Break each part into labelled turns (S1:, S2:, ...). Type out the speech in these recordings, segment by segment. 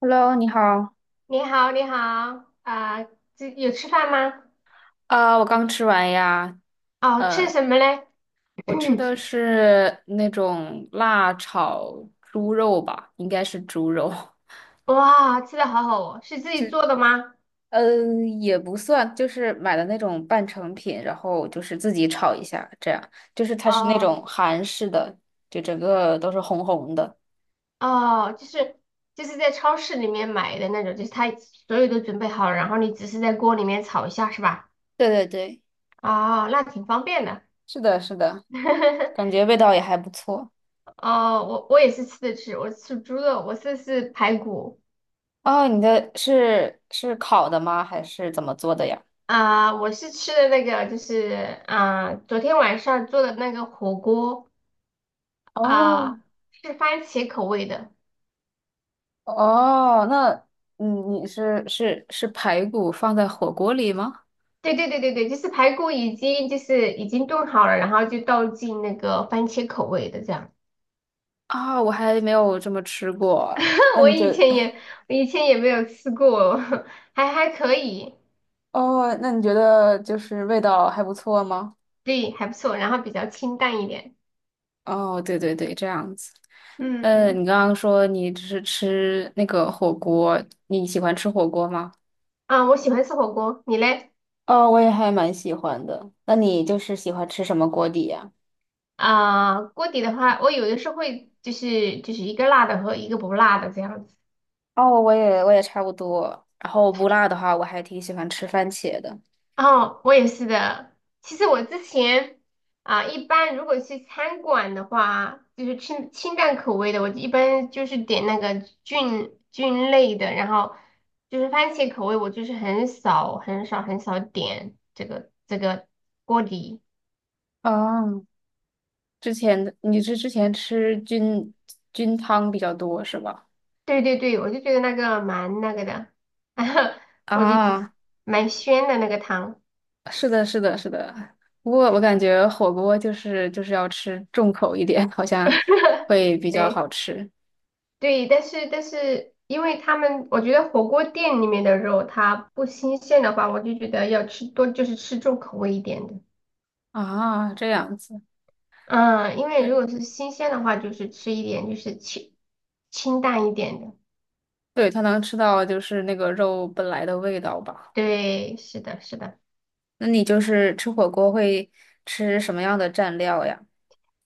S1: Hello，你好。
S2: 你好，你好，啊、这有吃饭吗？
S1: 啊我刚吃完呀。
S2: 哦，吃
S1: 呃，
S2: 什么嘞？
S1: 我吃的 是那种辣炒猪肉吧，应该是猪肉。
S2: 哇，吃的好好哦，是自
S1: 就
S2: 己做的吗？
S1: 嗯，也不算，就是买的那种半成品，然后就是自己炒一下，这样。就是它是那
S2: 哦
S1: 种韩式的，就整个都是红红的。
S2: 哦，就是在超市里面买的那种，就是他所有都准备好了，然后你只是在锅里面炒一下，是吧？
S1: 对对对，
S2: 哦，那挺方便的。
S1: 是的，是的，感 觉味道也还不错。
S2: 哦，我也是吃的，我吃猪肉，我吃的是排骨。
S1: 哦，你的是烤的吗？还是怎么做的呀？
S2: 我是吃的那个，就是昨天晚上做的那个火锅。
S1: 哦，
S2: 啊，是番茄口味的。
S1: 哦，那嗯，你是排骨放在火锅里吗？
S2: 对对对对对，就是排骨已经就是已经炖好了，然后就倒进那个番茄口味的这样。
S1: 啊、我还没有这么吃过。那
S2: 我
S1: 你觉
S2: 以
S1: 得，
S2: 前也我以前也没有吃过，还可以。
S1: 哦，那你觉得就是味道还不错吗？
S2: 对，还不错，然后比较清淡一点。
S1: 哦，对对对，这样子。嗯，你
S2: 嗯。
S1: 刚刚说你只是吃那个火锅，你喜欢吃火锅吗？
S2: 我喜欢吃火锅，你嘞？
S1: 哦，我也还蛮喜欢的。那你就是喜欢吃什么锅底呀？
S2: 锅底的话，我有的时候会就是一个辣的和一个不辣的这样子。
S1: 哦，我也差不多。然后不辣的话，我还挺喜欢吃番茄的。
S2: 哦，我也是的。其实我之前一般如果去餐馆的话，就是清淡口味的，我一般就是点那个菌类的，然后就是番茄口味，我就是很少很少很少点这个锅底。
S1: 哦，之前你是之前吃菌菌汤比较多是吧？
S2: 对对对，我就觉得那个蛮那个的。我就觉
S1: 啊，
S2: 蛮鲜的那个汤。
S1: 是的，是的，是的。不过我感觉火锅就是要吃重口一点，好像会比较好
S2: 对。
S1: 吃
S2: 对，但是，因为他们，我觉得火锅店里面的肉它不新鲜的话，我就觉得要吃多，就是吃重口味一点的。
S1: 啊。这样子，
S2: 嗯，因为
S1: 对
S2: 如果是新鲜的话，就是吃一点，就是清淡一点的。
S1: 对，它能吃到就是那个肉本来的味道吧。
S2: 对，是的，是的。
S1: 那你就是吃火锅会吃什么样的蘸料呀？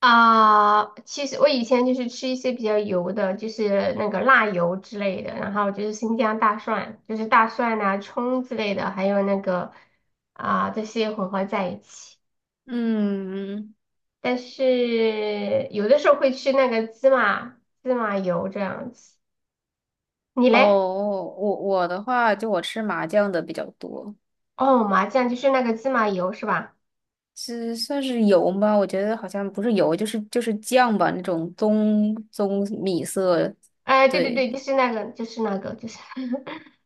S2: 其实我以前就是吃一些比较油的，就是那个辣油之类的，然后就是新疆大蒜，就是大蒜呐、葱之类的，还有那个这些混合在一起。
S1: 嗯，
S2: 但是有的时候会吃那个芝麻油这样子。你
S1: 哦，
S2: 嘞？
S1: 我我的话，就我吃麻酱的比较多。
S2: 哦，麻酱就是那个芝麻油是吧？
S1: 是算是油吧，我觉得好像不是油，就是酱吧，那种棕棕米色。
S2: 哎，对对
S1: 对
S2: 对，就是那个，就是那个，就是，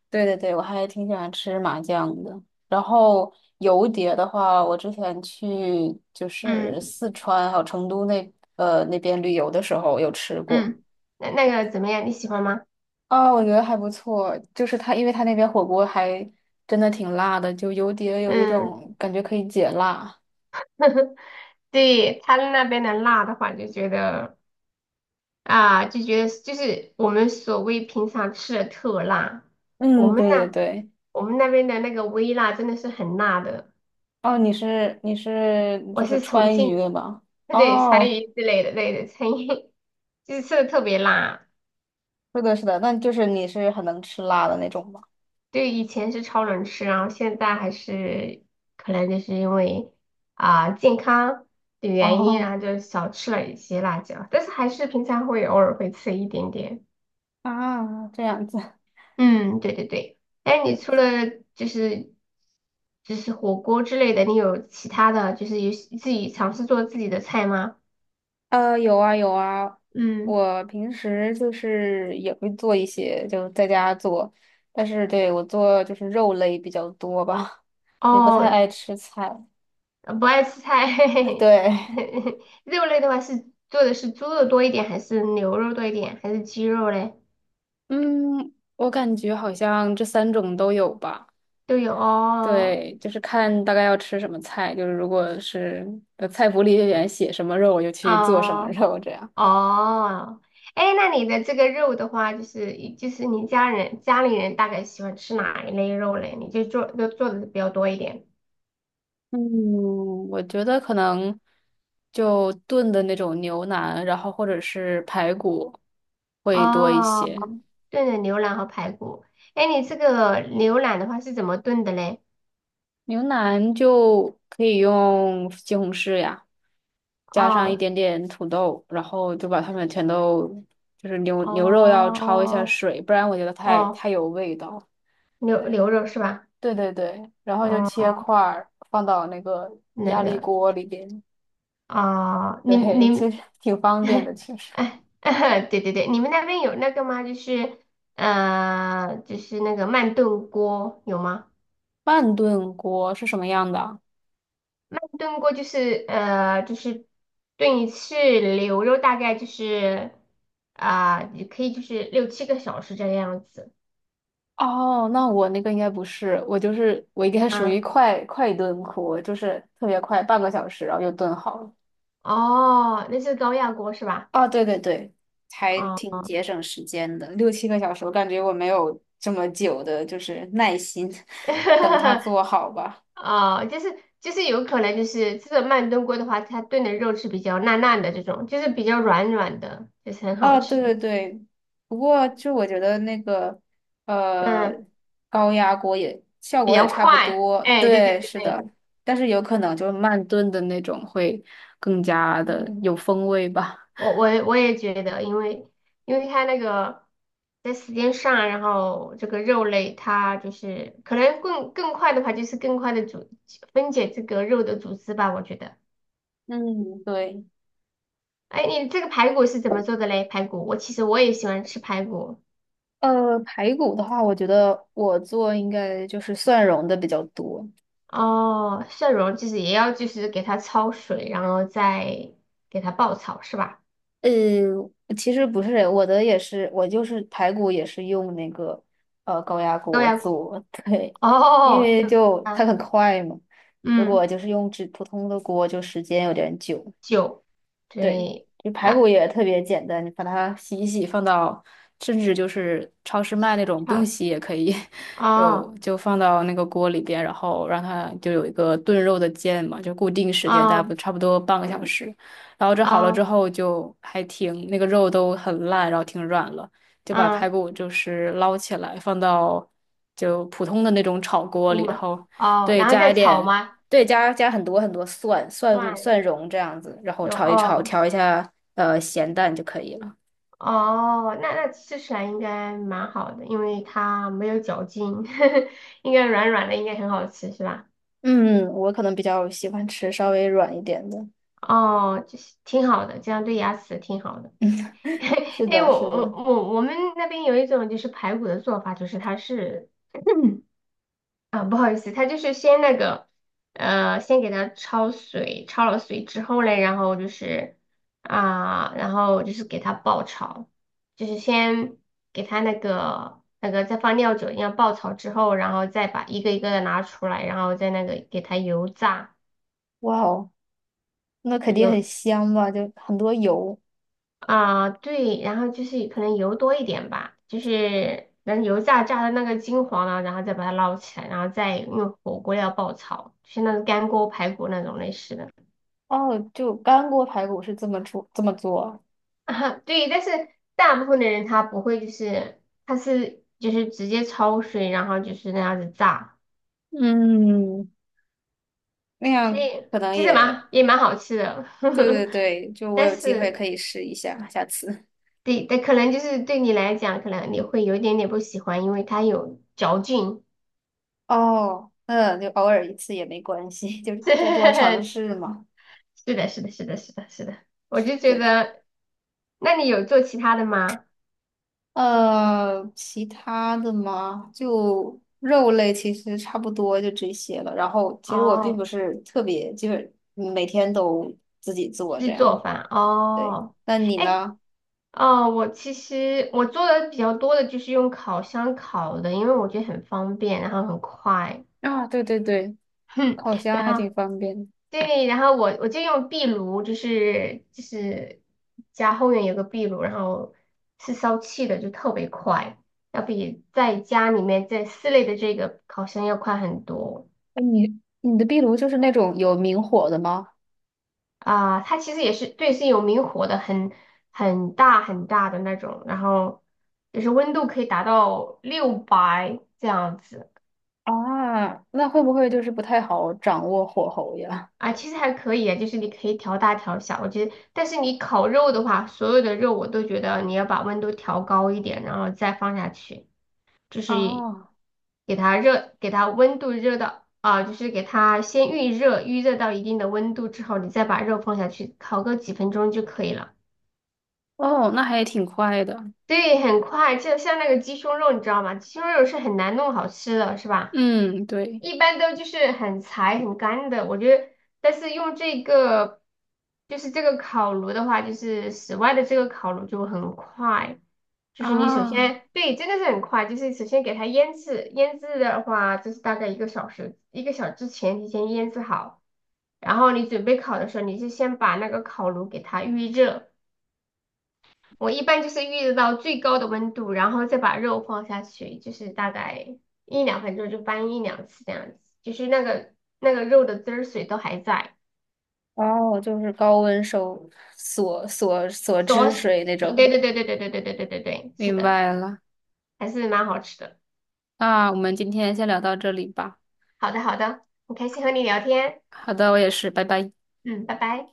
S1: 对对对，我还挺喜欢吃麻酱的。然后油碟的话，我之前去就
S2: 嗯
S1: 是四川还有成都那那边旅游的时候有吃过
S2: 嗯，那个怎么样？你喜欢吗？
S1: 啊，我觉得还不错。就是它，因为它那边火锅还真的挺辣的，就油碟有一
S2: 嗯，
S1: 种感觉可以解辣。
S2: 对，他们那边的辣的话，就觉得就是我们所谓平常吃的特辣，我
S1: 嗯，
S2: 们
S1: 对对
S2: 那
S1: 对。
S2: 我们那边的那个微辣真的是很辣的。
S1: 哦，你是
S2: 我
S1: 就是
S2: 是重
S1: 川渝
S2: 庆，
S1: 的吗？
S2: 对，川
S1: 哦，
S2: 渝之类的，对的，川渝就是吃的特别辣。
S1: 是的，是的，那就是你是很能吃辣的那种吗？
S2: 对，以前是超能吃，然后现在还是可能就是因为健康的原因，然
S1: 哦
S2: 后就少吃了一些辣椒，但是还是平常会偶尔会吃一点点。
S1: 啊，这样子，
S2: 嗯，对对对。哎，你除
S1: 就
S2: 了就是就是火锅之类的，你有其他的就是有自己尝试做自己的菜吗？
S1: 呃有啊有啊，
S2: 嗯，
S1: 我平时就是也会做一些，就在家做，但是对我做就是肉类比较多吧，也不太
S2: 哦，
S1: 爱吃菜。
S2: 不爱吃菜。
S1: 嗯对，
S2: 肉类的话做的是猪肉多一点，还是牛肉多一点，还是鸡肉嘞？
S1: 嗯，我感觉好像这三种都有吧。
S2: 都有哦
S1: 对，就是看大概要吃什么菜，就是如果是菜谱里面写什么肉，我就去做什么
S2: 哦。
S1: 肉这样。
S2: 哦。哎，那你的这个肉的话，就是你家里人大概喜欢吃哪一类肉嘞？你就做的比较多一点。
S1: 嗯，我觉得可能就炖的那种牛腩，然后或者是排骨会多一
S2: 哦，
S1: 些。
S2: 炖的牛腩和排骨。哎，你这个牛腩的话是怎么炖的嘞？
S1: 牛腩就可以用西红柿呀，加上一
S2: 哦
S1: 点点土豆，然后就把它们全都就是牛牛肉要焯一下
S2: 哦
S1: 水，不然我觉得太
S2: 哦，
S1: 太有味道。
S2: 牛
S1: 对。
S2: 牛肉是吧？
S1: 对对对，然后就切
S2: 哦，
S1: 块儿放到那个
S2: 那
S1: 压力
S2: 个
S1: 锅里边，
S2: 你
S1: 对，
S2: 你
S1: 其
S2: 们，
S1: 实挺方便的。其实
S2: 哎，对对对，你们那边有那个吗？就是就是那个慢炖锅有吗？
S1: 慢炖锅是什么样的啊
S2: 慢炖锅就是就是炖一次牛肉，大概就是也可以就是6、7个小时这个样子。
S1: 哦，那我那个应该不是，我就是我应该属于
S2: 嗯，
S1: 快快炖锅，就是特别快，半个小时然后就炖好了。
S2: 哦，那是高压锅是吧？
S1: 哦，对对对，还挺
S2: 哦，
S1: 节省时间的，六七个小时，我感觉我没有这么久的，就是耐心 等它 做好吧。
S2: 哦，就是有可能就是这种慢炖锅的话，它炖的肉是比较烂烂的这种，就是比较软软的，就是很好
S1: 啊，
S2: 吃
S1: 对对
S2: 的。
S1: 对，不过就我觉得那个呃
S2: 嗯，
S1: 高压锅也效
S2: 比
S1: 果也
S2: 较
S1: 差不
S2: 快。
S1: 多，
S2: 哎，对对
S1: 对，
S2: 对
S1: 是的，
S2: 对。
S1: 但是有可能就是慢炖的那种会更加的
S2: 嗯，
S1: 有风味吧。
S2: 我也觉得，因为它那个在时间上，然后这个肉类它就是可能更快的话，就是更快的分解这个肉的组织吧，我觉得。
S1: 嗯，对。
S2: 哎，你这个排骨是怎么做的嘞？排骨，我其实我也喜欢吃排骨。
S1: 排骨的话，我觉得我做应该就是蒜蓉的比较多，
S2: 哦，蒜蓉就是也要就是给它焯水，然后再给它爆炒是吧？
S1: 呃，其实不是，我的也是，我就是排骨也是用那个高压
S2: 高
S1: 锅
S2: 压锅。
S1: 做，对，因
S2: 哦，
S1: 为
S2: 对。
S1: 就它
S2: 啊，
S1: 很快嘛。如果
S2: 嗯，
S1: 就是用只普通的锅，就时间有点久。
S2: 酒，
S1: 对，
S2: 对。
S1: 就排骨
S2: 啊，
S1: 也特别简单，你把它洗一洗，放到甚至就是超市卖那种不用
S2: 差。
S1: 洗也可以，
S2: 哦
S1: 就放到那个锅里边，然后让它就有一个炖肉的键嘛，就固定时间，大概不
S2: 哦
S1: 差不多半个小时。然后这好了之
S2: 哦，
S1: 后就还挺那个肉都很烂，然后挺软了，就把
S2: 嗯，
S1: 排骨就是捞起来放到就普通的那种炒锅里，然
S2: 我
S1: 后
S2: 哦，
S1: 对
S2: 然后
S1: 加
S2: 再
S1: 一
S2: 炒
S1: 点。
S2: 吗？
S1: 对，加很多很多蒜蒜
S2: 蒜。
S1: 蒜蓉这样子，然后
S2: 有
S1: 炒一炒，
S2: 哦。
S1: 调一下咸淡就可以了。
S2: 哦，那吃起来应该蛮好的，因为它没有嚼劲，应该软软的，应该很好吃是吧？
S1: 嗯，我可能比较喜欢吃稍微软一点的。
S2: 哦，就是挺好的，这样对牙齿挺好的。
S1: 是
S2: 哎，我
S1: 的，是的。
S2: 我我我们那边有一种就是排骨的做法，就是它是，不好意思，它就是先那个，先给它焯水，焯了水之后嘞，然后就是然后就是给它爆炒，就是先给它那个再放料酒一样爆炒之后，然后再把一个一个的拿出来，然后再那个给它油炸。
S1: 哇哦，那肯定很香吧？就很多油。
S2: 对，然后就是可能油多一点吧，就是等油炸的那个金黄了，然后再把它捞起来，然后再用火锅料爆炒，就是那种干锅排骨那种类似的。
S1: 哦，就干锅排骨是这么做啊。
S2: 对，但是大部分的人他不会，就是他是就是直接焯水，然后就是那样子炸，
S1: 嗯，那
S2: 所
S1: 样
S2: 以
S1: 可能
S2: 其实
S1: 也
S2: 也蛮好吃的。
S1: 对对对，就 我
S2: 但
S1: 有机会
S2: 是
S1: 可以试一下，下次。
S2: 对，但可能就是对你来讲，可能你会有一点点不喜欢，因为它有嚼劲。
S1: 哦，嗯，就偶尔一次也没关系，就多多 尝试嘛。
S2: 是的，是的，是的，是的，是的，我就觉
S1: 对。
S2: 得，那你有做其他的吗？
S1: 其他的嘛，就肉类其实差不多就这些了。然后其实我并不
S2: 哦，
S1: 是特别，就是每天都自己做这
S2: 是
S1: 样。
S2: 做饭
S1: 对，
S2: 哦。
S1: 那你
S2: 哎，
S1: 呢？
S2: 哦，其实我做的比较多的就是用烤箱烤的，因为我觉得很方便，然后很快。
S1: 啊，对对对，
S2: 哼，
S1: 烤箱还
S2: 然后
S1: 挺方便的。
S2: 对，然后我就用壁炉，就是家后院有个壁炉，然后是烧气的，就特别快，要比在家里面在室内的这个烤箱要快很多。
S1: 哎你你的壁炉就是那种有明火的吗？
S2: 它其实也是对，是有明火的，很很大的那种，然后就是温度可以达到600这样子。
S1: 啊，那会不会就是不太好掌握火候呀？
S2: 其实还可以啊，就是你可以调大调小，我觉得，但是你烤肉的话，所有的肉我都觉得你要把温度调高一点，然后再放下去，就是
S1: 哦，
S2: 给它热，给它温度热到就是给它先预热，预热到一定的温度之后，你再把肉放下去，烤个几分钟就可以了。
S1: 哦，那还挺快的。
S2: 对，很快，就像那个鸡胸肉，你知道吗？鸡胸肉是很难弄好吃的，是吧？
S1: 嗯，对。
S2: 一般都就是很柴、很干的。我觉得，但是用这个，就是这个烤炉的话，就是室外的这个烤炉就很快。就是你首
S1: 啊。
S2: 先，对，真的是很快。就是首先给它腌制，腌制的话就是大概一个小时，一个小时之前提前腌制好。然后你准备烤的时候，你就先把那个烤炉给它预热。我一般就是预热到最高的温度，然后再把肉放下去，就是大概1、2分钟就翻1、2次这样子，就是那个肉的汁儿水都还在，
S1: 哦，就是高温收锁锁锁
S2: 锁
S1: 汁
S2: 死。
S1: 水那
S2: 对
S1: 种。
S2: 对对对对对对对对对对，是
S1: 明
S2: 的，
S1: 白了，
S2: 还是蛮好吃的。
S1: 那我们今天先聊到这里吧。
S2: 好的好的，很开心和你聊天，
S1: 好的，我也是，拜拜。
S2: 嗯，拜拜。